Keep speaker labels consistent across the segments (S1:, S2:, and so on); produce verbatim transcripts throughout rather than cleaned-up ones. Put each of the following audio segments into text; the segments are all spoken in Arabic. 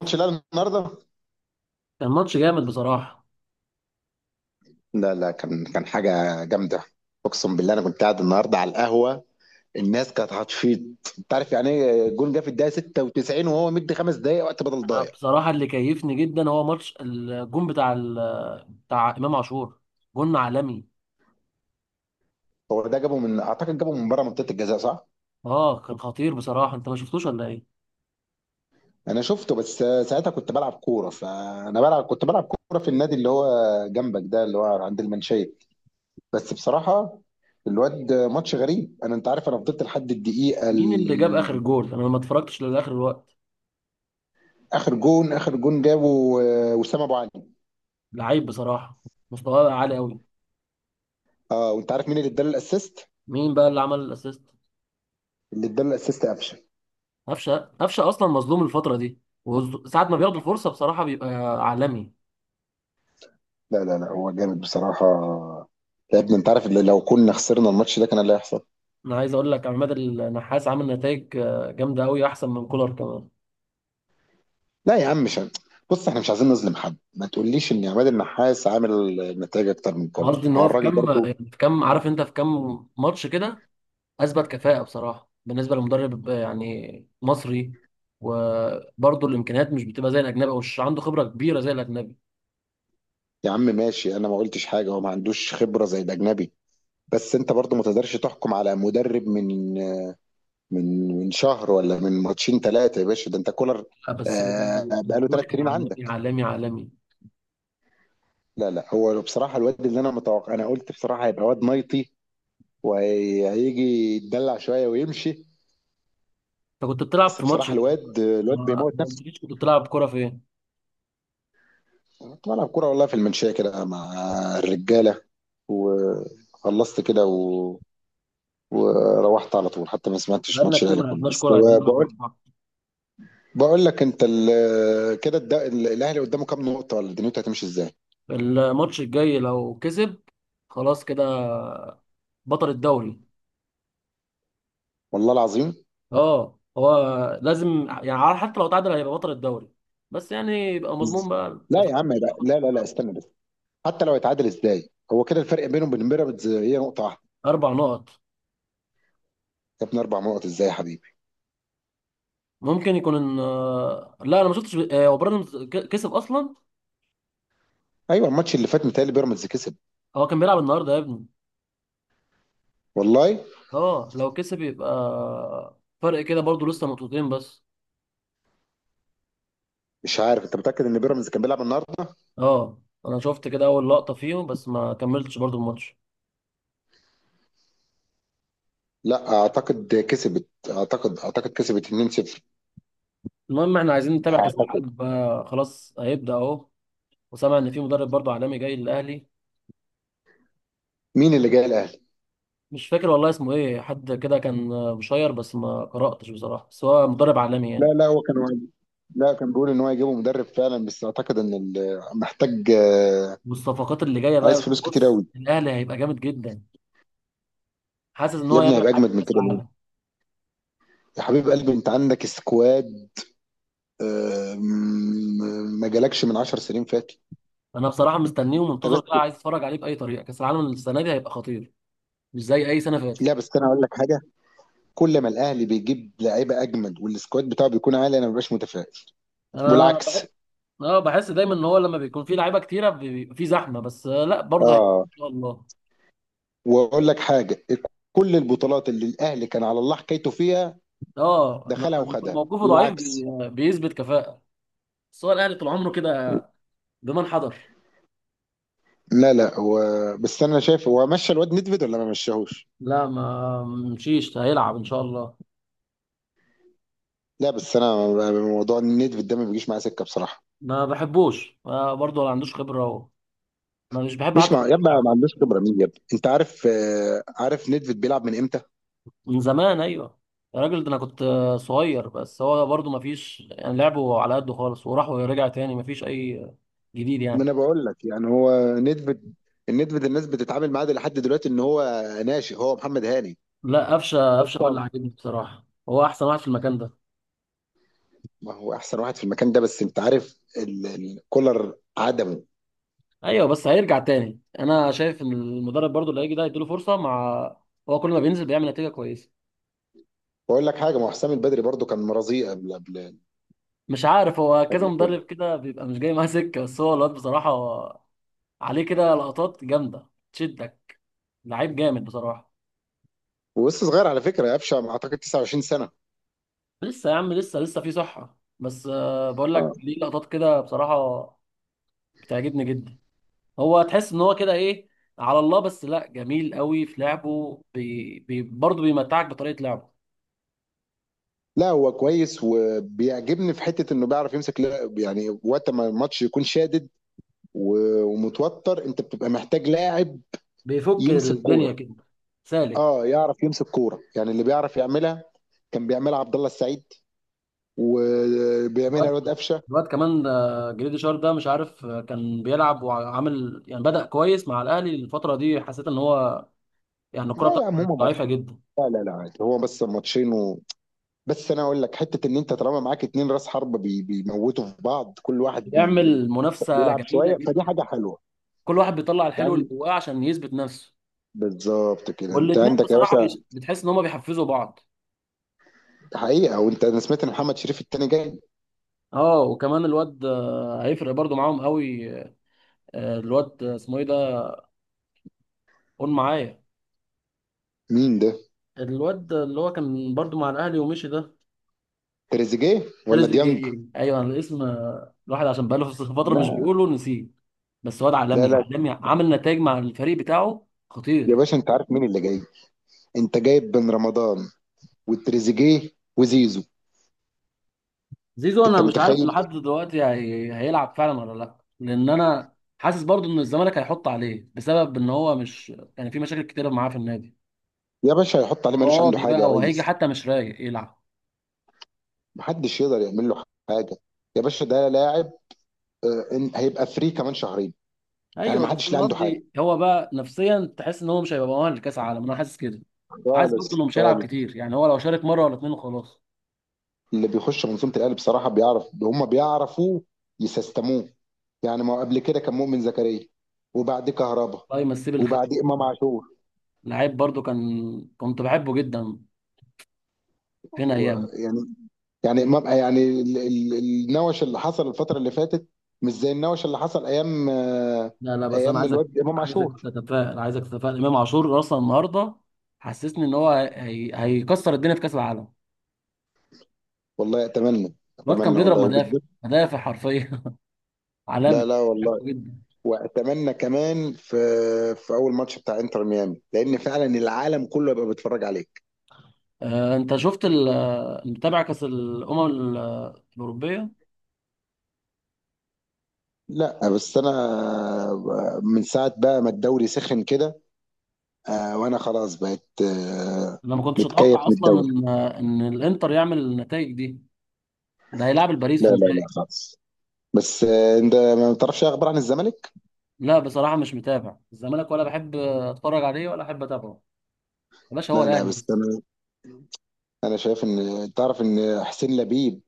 S1: ماتش الاهلي النهارده.
S2: كان ماتش جامد بصراحة.
S1: لا لا كان كان حاجة جامدة. أقسم بالله أنا كنت قاعد النهاردة على القهوة، الناس كانت هتفيض، أنت عارف يعني إيه جون جه في الدقيقة ستة وتسعين وهو مدي خمس دقايق وقت بدل
S2: أنا
S1: ضايع.
S2: بصراحة اللي كيفني جدا هو ماتش الجون بتاع ال... بتاع إمام عاشور. جون عالمي.
S1: هو ده جابه من، أعتقد جابه من بره منطقة الجزاء صح؟
S2: اه، كان خطير بصراحة، أنت ما شفتوش ولا إيه؟
S1: أنا شفته بس ساعتها كنت بلعب كورة، فأنا بلعب، كنت بلعب كورة في النادي اللي هو جنبك ده اللي هو عند المنشية. بس بصراحة الواد، ماتش غريب أنا، أنت عارف أنا فضلت لحد الدقيقة
S2: مين اللي جاب آخر
S1: ال...
S2: جول؟ أنا ما اتفرجتش لآخر الوقت.
S1: آخر جون، آخر جون جابه آه، وسام أبو علي.
S2: لعيب بصراحة، مستواه عالي أوي.
S1: اه وانت عارف مين اللي اداله الاسيست؟
S2: مين بقى اللي عمل الأسيست؟
S1: اللي اداله الاسيست قفشه.
S2: قفشة قفشة أصلا مظلوم الفترة دي، وساعة ما بياخد الفرصة بصراحة بيبقى عالمي.
S1: لا لا لا هو جامد بصراحه. يا ابني انت عارف اللي لو كنا خسرنا الماتش ده كان اللي هيحصل.
S2: أنا عايز أقول لك عماد النحاس عامل نتائج جامدة أوي، أحسن من كولر كمان.
S1: لا يا عم، مش هن- بص احنا مش عايزين نظلم حد، ما تقوليش ان عماد النحاس عامل نتائج اكتر من
S2: قصدي
S1: كولر،
S2: إن
S1: هو
S2: هو في
S1: الراجل
S2: كام،
S1: برضو.
S2: يعني في كام، عارف أنت، في كام ماتش كده اثبت كفاءه بصراحه، بالنسبه لمدرب آه، يعني مصري، وبرضه الامكانيات مش بتبقى زي الاجنبي، او مش عنده خبره كبيره زي الاجنبي.
S1: يا عم ماشي، انا ما قلتش حاجه، هو ما عندوش خبره زي الاجنبي، بس انت برضو ما تقدرش تحكم على مدرب من، من من شهر ولا من ماتشين ثلاثه، يا باشا ده انت كولر.
S2: لا، بس
S1: آه
S2: كان-
S1: بقاله
S2: الجول
S1: ثلاث
S2: كان
S1: سنين
S2: عالمي
S1: عندك.
S2: عالمي عالمي.
S1: لا لا، هو بصراحة الواد اللي أنا متوقع، أنا قلت بصراحة هيبقى واد نايطي وهيجي يتدلع شوية ويمشي.
S2: انت كنت بتلعب
S1: بس
S2: في ماتش
S1: بصراحة
S2: ايه؟
S1: الواد، الواد
S2: ما
S1: بيموت
S2: ما
S1: نفسه.
S2: قلتليش كنت بتلعب كوره في ايه؟
S1: أنا كنت بلعب كورة والله في المنشية كده مع الرجالة، وخلصت كده و... وروحت على طول، حتى ما سمعتش
S2: بقالنا
S1: ماتش
S2: كتير
S1: الأهلي
S2: ما
S1: كله،
S2: لعبناش
S1: بس
S2: كوره، عايزين
S1: هو
S2: نلعب مع
S1: بقول،
S2: بعض.
S1: بقول لك أنت ال... كده الد... الأهلي قدامه كام نقطة ولا دنيته هتمشي إزاي؟
S2: الماتش الجاي لو كسب، خلاص كده بطل الدوري.
S1: والله العظيم.
S2: اه هو، لازم يعني عارف، حتى لو تعادل هيبقى بطل الدوري، بس يعني يبقى مضمون
S1: إز-
S2: بقى، أنت
S1: لا
S2: فاهم؟
S1: يا عم، لا لا لا, لا استنى بس، حتى لو هيتعادل إزاي؟ هو كده الفرق بينهم وبين بيراميدز هي نقطة واحدة.
S2: اربع نقط.
S1: جبنا اربع نقط ازاي يا حبيبي؟
S2: ممكن يكون ان آه، لا انا ما شفتش، آه، هو براندون ك- كسب اصلا؟
S1: ايوه الماتش اللي فات متهيألي بيراميدز كسب.
S2: هو كان بيلعب النهارده يا ابني؟
S1: والله
S2: اه لو كسب يبقى فرق كده، برضو لسه نقطتين بس.
S1: مش عارف، انت متاكد ان بيراميدز كان بيلعب النهارده؟
S2: اه انا شفت كده اول لقطه فيهم، بس ما كملتش برضو الماتش.
S1: لا اعتقد كسبت، اعتقد اعتقد كسبت اتنين صفر.
S2: المهم احنا عايزين نتابع كاس
S1: اعتقد.
S2: العالم بقى، خلاص هيبدا اهو. وسامع ان في مدرب برضو عالمي جاي للاهلي.
S1: مين اللي جاي الاهلي؟
S2: مش فاكر والله اسمه ايه، حد كده كان آه، مشير، بس ما قراتش بصراحه، بس هو مدرب عالمي
S1: لا
S2: يعني.
S1: لا هو كان، لا كان بيقول ان هو هيجيبه مدرب فعلا، بس اعتقد ان ال- محتاج آه،
S2: والصفقات اللي جايه
S1: عايز
S2: بقى،
S1: فلوس كتير
S2: بص
S1: قوي.
S2: الاهلي هيبقى جامد جدا. حاسس ان
S1: يا
S2: هو
S1: ابني
S2: يعمل
S1: هيبقى
S2: حاجه في
S1: اجمد من
S2: كاس
S1: كده مين؟
S2: العالم.
S1: يا حبيب قلبي انت عندك سكواد، آه، م- ما جالكش من عشر سنين فاتوا.
S2: انا بصراحه مستنيه
S1: انت
S2: ومنتظر
S1: بس،
S2: بقى، عايز اتفرج عليه باي طريقه. كاس العالم السنه دي هيبقى خطير، مش زي اي سنه فاتت.
S1: لا بس انا اقول لك حاجه، كل ما الاهلي بيجيب لعيبه اجمد والسكواد بتاعه بيكون عالي انا ما ببقاش متفائل،
S2: انا بح...
S1: والعكس.
S2: اه، بحس دايما ان هو لما بيكون فيه لعيبه كتيره بي- بيبقى فيه زحمه، بس آه، لا برضه هي- ان
S1: اه
S2: شاء الله.
S1: واقول لك حاجه، كل البطولات اللي الاهلي كان على الله حكايته فيها
S2: اه
S1: دخلها
S2: لما بيكون
S1: وخدها،
S2: موقفه ضعيف
S1: والعكس.
S2: بي... بيثبت كفاءه. بس هو الاهلي طول عمره كده، بمن حضر.
S1: لا لا هو، بس انا شايف هو مشى الواد ندفد ولا ما مشاهوش؟
S2: لا ما مشيش، هيلعب ان شاء الله.
S1: لا بس انا، موضوع ندفد ده ما بيجيش معايا سكه بصراحه.
S2: ما بحبوش، آه برضه ما عندوش خبره و... ما مش بحب
S1: مش
S2: حتى.
S1: مع يا ما عندوش خبره مين، يا انت عارف آه، عارف ندفد بيلعب من امتى؟
S2: من زمان، ايوه. يا راجل، ده انا كنت آه، صغير، بس هو برضه ما فيش يعني لعبه على قده خالص، وراح ورجع تاني ما فيش اي جديد
S1: ما
S2: يعني.
S1: انا بقول لك يعني هو ندفد، الندفد الناس بتتعامل معاه ده لحد دلوقتي ان هو ناشئ، هو محمد هاني.
S2: لا، قفشه
S1: بس
S2: قفشه هو اللي عاجبني بصراحه، هو احسن واحد في المكان ده.
S1: ما هو احسن واحد في المكان ده، بس انت عارف ال- ال- كولر عدمه.
S2: ايوه بس هيرجع تاني، انا شايف ان المدرب برضه اللي هيجي ده هيديله فرصه مع هو كل ما بينزل بيعمل نتيجه كويسه.
S1: بقول لك حاجه، ما هو حسام البدري برضو كان مرازيه قبل، قبل
S2: مش عارف، هو كذا
S1: قبل كولر.
S2: مدرب كده بيبقى مش جاي معاه سكه، بس هو الواد بصراحه عليه كده لقطات جامده تشدك. لعيب جامد بصراحه.
S1: ولسه صغير على فكره قفشه، اعتقد تسعة وعشرين سنه.
S2: لسه يا عم، لسه لسه في صحة، بس آه، بقول
S1: اه.
S2: لك ليه، لقطات كده بصراحة بتعجبني جدا. هو تحس ان هو كده ايه، على الله. بس لا، جميل قوي في لعبه، بي بي برضه بيمتعك بطريقة لعبه.
S1: لا هو كويس وبيعجبني في حته انه بيعرف يمسك لاعب، يعني وقت ما الماتش يكون شادد و- ومتوتر، انت بتبقى محتاج لاعب
S2: بيفك
S1: يمسك كوره.
S2: الدنيا كده سالك.
S1: اه يعرف يمسك كوره يعني، اللي بيعرف يعملها كان بيعملها عبد الله السعيد، وبيعملها
S2: الواد
S1: الواد قفشه.
S2: الواد كمان آه، جريدي شار ده، مش عارف آه، كان بيلعب وعامل يعني، بدأ كويس مع الأهلي الفترة دي. حسيت ان هو يعني الكرة
S1: لا يا
S2: بتاعته
S1: عم
S2: كانت
S1: هم،
S2: ضعيفة جدا.
S1: لا لا لا عادي، هو بس ماتشين و... بس انا اقول لك حته، ان انت طالما معاك اتنين راس حربه بي... بيموتوا في بعض، كل واحد بي...
S2: بيعمل منافسة
S1: بيلعب
S2: جميلة
S1: شويه، فدي
S2: جدا،
S1: حاجه حلوه
S2: كل واحد بيطلع الحلو اللي
S1: يعني.
S2: جواه عشان يثبت نفسه.
S1: بالظبط كده انت
S2: والاتنين
S1: عندك يا
S2: بصراحة
S1: باشا.
S2: بيش... بتحس ان هما بيحفزوا بعض.
S1: حقيقه وانت، انا سمعت ان محمد شريف التاني جاي.
S2: اه وكمان الواد آه، هيفرق برضو معاهم قوي. آه، الواد آه، اسمه ايه ده، قول معايا.
S1: مين ده؟
S2: الواد اللي هو كان برضو مع الاهلي ومشي ده،
S1: تريزيجيه ولا ديانج؟
S2: تريزيجيه، ايوه الاسم. آه، الواحد عشان بقاله في فترة مش
S1: لا
S2: بيقوله نسيه. بس واد
S1: لا
S2: عالمي
S1: لا،
S2: عالمي، عامل نتائج مع الفريق بتاعه
S1: يا
S2: خطير.
S1: باشا انت عارف مين اللي جاي؟ انت جايب بن رمضان وتريزيجيه وزيزو.
S2: زيزو،
S1: انت
S2: انا مش عارف لحد
S1: متخيل؟
S2: دلوقتي هي... هيلعب فعلا ولا لا، لان انا حاسس برضو ان الزمالك هيحط عليه بسبب ان هو مش كان يعني في مشاكل كتيرة معاه في النادي،
S1: يا باشا هيحط عليه ملوش عنده
S2: مقاضي
S1: حاجه يا
S2: بقى، وهيجي
S1: ريس.
S2: حتى مش رايق يلعب.
S1: محدش يقدر يعمل له حاجه، يا باشا ده لاعب، آه، إن- هيبقى فري كمان شهرين. يعني
S2: ايوه
S1: ما
S2: بس
S1: حدش لا
S2: انا
S1: عنده حاجه
S2: قصدي هو بقى نفسيا، تحس ان هو مش هيبقى مؤهل لكاس العالم، انا حاسس كده. وحاسس
S1: خالص
S2: برضه انه مش هيلعب
S1: خالص.
S2: كتير، يعني هو لو شارك مره ولا اتنين وخلاص.
S1: اللي بيخش منظومه الاهلي بصراحه بيعرف، هم بيعرفوا يسستموه، يعني ما هو قبل كده كان مؤمن زكريا، وبعد كهربا،
S2: الله يمسيه
S1: وبعد
S2: بالخير.
S1: امام عاشور.
S2: لعيب برضه كان، كنت بحبه جدا، فين
S1: و-
S2: ايامه.
S1: يعني، يعني امام يعني ال- ال- النوش اللي حصل الفتره اللي فاتت مش زي النوش اللي حصل ايام آه،
S2: لا لا، بس انا
S1: ايام
S2: عايزك
S1: الواد امام
S2: عايزك
S1: عاشور.
S2: تتفائل، عايزك تتفائل. امام عاشور اصلا النهارده حسسني ان هو هي... هيكسر الدنيا في كاس العالم.
S1: والله اتمنى،
S2: الواد كان
S1: اتمنى
S2: بيضرب
S1: والله،
S2: مدافع
S1: وبالذات،
S2: مدافع حرفيا.
S1: لا
S2: عالمي.
S1: لا والله.
S2: بحبه جدا.
S1: واتمنى كمان في، في اول ماتش بتاع انتر ميامي، لان فعلا العالم كله يبقى بيتفرج عليك.
S2: آه، انت شفت ال- آه، متابع كاس الامم ال- آه، الاوروبيه؟
S1: لا بس انا، من ساعه بقى ما الدوري سخن كده، آه، وانا خلاص بقيت آه،
S2: انا ما كنتش
S1: متكيف
S2: اتوقع
S1: من
S2: اصلا
S1: الدوري.
S2: ان آه، ان الانتر يعمل النتائج دي. ده هيلاعب الباريس في
S1: لا لا لا
S2: النهائي.
S1: خالص. بس آه، انت ما تعرفش أي اخبار عن الزمالك؟
S2: لا بصراحه مش متابع الزمالك، ولا بحب اتفرج عليه ولا احب اتابعه. يا باشا، هو
S1: لا لا
S2: الاهلي
S1: بس
S2: بس.
S1: انا، انا شايف ان، تعرف ان حسين لبيب،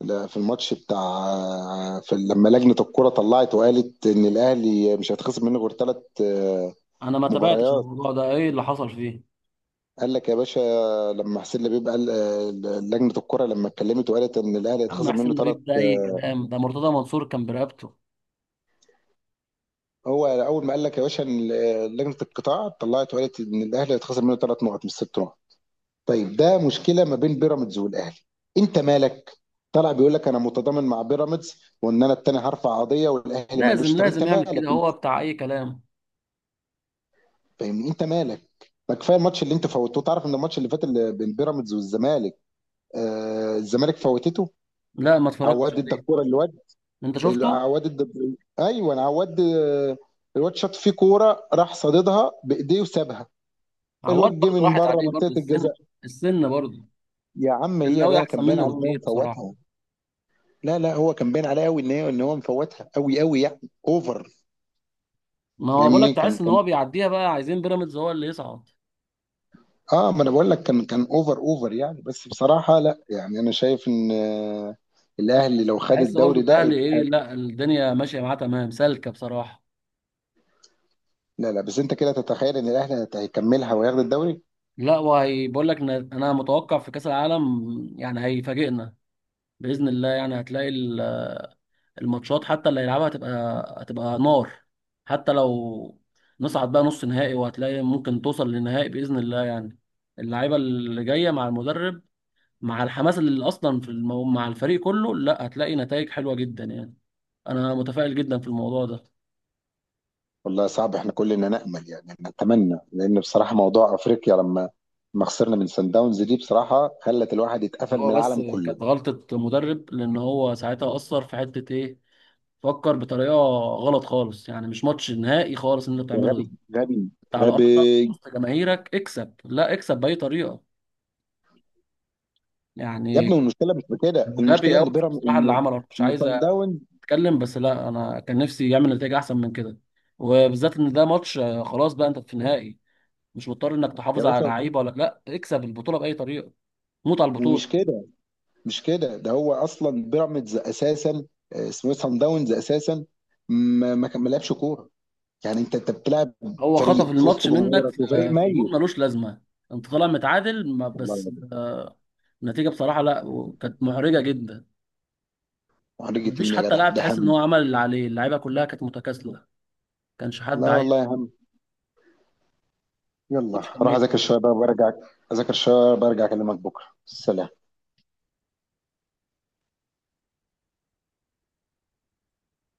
S1: لا، في الماتش بتاع، في لما لجنه الكره طلعت وقالت ان الاهلي مش هيتخصم منه غير ثلاث
S2: انا ما تابعتش
S1: مباريات،
S2: الموضوع ده، ايه اللي حصل فيه؟ يا
S1: قال لك يا باشا، لما حسين لبيب قال، آه، لجنه الكره لما اتكلمت وقالت ان الاهلي
S2: عم
S1: هيتخصم منه
S2: حسين
S1: ثلاث،
S2: لبيب ده اي كلام، ده مرتضى منصور كان برقبته.
S1: هو اول ما قال لك يا باشا ان، آه، لجنه القطاع طلعت وقالت ان الاهلي هيتخصم منه ثلاث نقط مش ست نقط، طيب ده مشكله ما بين بيراميدز والاهلي، انت مالك؟ طلع بيقول لك انا متضامن مع بيراميدز، وان انا التاني هرفع قضيه، والاهلي ما
S2: لازم
S1: قالوش طب انت
S2: لازم يعمل
S1: مالك
S2: كده،
S1: انت؟
S2: هو بتاع اي كلام.
S1: فاهمني؟ انت مالك؟ ما كفايه الماتش اللي انت فوتته، تعرف ان الماتش اللي فات اللي بين بيراميدز والزمالك، آه الزمالك فوتته،
S2: لا ما اتفرجتش
S1: عواد ادى
S2: عليه.
S1: الكوره للواد،
S2: انت
S1: ال-
S2: شفته؟
S1: عواد الدبري، ايوه عواد، آه، الواد شاط فيه كوره راح صاددها بايديه وسابها،
S2: عواد
S1: الواد جه
S2: برضه
S1: من
S2: راحت
S1: بره
S2: عليه برضه
S1: منطقه
S2: السن،
S1: الجزاء.
S2: السن برضه.
S1: يا عم هي
S2: الناوي
S1: باينه،
S2: احسن
S1: كان باين
S2: منه
S1: عليه ان هو
S2: بكتير بصراحه.
S1: مفوتها. لا لا هو كان باين عليه قوي ان هي، ان هو مفوتها، قوي قوي يعني، اوفر.
S2: ما هو بقول لك،
S1: فاهمني؟ كان
S2: تحس ان
S1: كان
S2: هو بيعديها بقى، عايزين بيراميدز هو اللي يصعد.
S1: اه، ما انا بقول لك كان كان اوفر، اوفر يعني. بس بصراحه لا يعني، انا شايف ان، آه، الاهلي لو خد
S2: تحس برضو
S1: الدوري ده،
S2: الاهلي ايه، لا الدنيا ماشيه معاه تمام، سالكه بصراحه.
S1: لا لا بس انت كده تتخيل ان الاهلي هت- هيكملها وياخد الدوري؟
S2: لا وهي بقول لك إن انا متوقع في كاس العالم يعني هيفاجئنا، باذن الله. يعني هتلاقي ال- الماتشات حتى اللي هيلعبها هتبقى هتبقى نار. حتى لو نصعد بقى نص نهائي، وهتلاقي ممكن توصل للنهائي باذن الله يعني. اللعيبه اللي جايه مع المدرب، مع الحماس اللي اصلا في المو... مع الفريق كله، لا هتلاقي نتائج حلوه جدا يعني. انا متفائل جدا في الموضوع ده.
S1: والله صعب. احنا كلنا نأمل يعني نتمنى، لأن بصراحة موضوع أفريقيا لما ما خسرنا من سان داونز دي، بصراحة خلت الواحد يتقفل من
S2: هو بس
S1: العالم كله.
S2: كانت غلطة مدرب، لان هو ساعتها اثر في حتة ايه، فكر بطريقة غلط خالص يعني. مش ماتش نهائي خالص اللي انت
S1: ده
S2: بتعمله
S1: غبي،
S2: ده.
S1: غبي،
S2: انت على
S1: غبي.
S2: ارضك وسط جماهيرك، اكسب، لا اكسب بأي طريقة
S1: يا
S2: يعني.
S1: ابني والمشكلة مش بكده،
S2: كان غبي
S1: المشكلة
S2: قوي
S1: إن بيراميدز،
S2: بصراحة اللي
S1: إن
S2: عمله. مش
S1: إن
S2: عايز
S1: سان داونز،
S2: اتكلم، بس لا انا كان نفسي يعمل نتيجة احسن من كده، وبالذات ان ده ماتش. آه، خلاص بقى انت في النهائي، مش مضطر انك
S1: يا
S2: تحافظ على
S1: باشا،
S2: لعيبة، ولا لا اكسب البطولة بأي طريقة. موت على
S1: ومش
S2: البطولة.
S1: كده، مش كده، ده هو أصلا بيراميدز أساسا، آه، اسمه إيه؟ سان داونز أساسا ما ما كان- ما لعبش كورة، يعني أنت أنت بتلعب
S2: هو خطف
S1: فريق في وسط
S2: الماتش منك في
S1: جمهورك وفريق
S2: في جول
S1: ميت،
S2: ملوش لازمه. انت طالع متعادل ما-
S1: والله
S2: بس
S1: يا جدع.
S2: آه، النتيجه بصراحه لا، كانت محرجه جدا.
S1: وهنيجي
S2: مفيش
S1: مين يا
S2: حتى
S1: جدع
S2: لاعب
S1: ده
S2: تحس ان
S1: هم؟
S2: هو عمل اللي عليه، اللعيبه كلها كانت متكاسله، ما كانش حد
S1: لا
S2: عايز.
S1: والله.
S2: الماتش
S1: يلا
S2: كان
S1: روح اذاكر
S2: ميت.
S1: شويه بقى وارجع، اذاكر شويه برجع اكلمك بكره، سلام.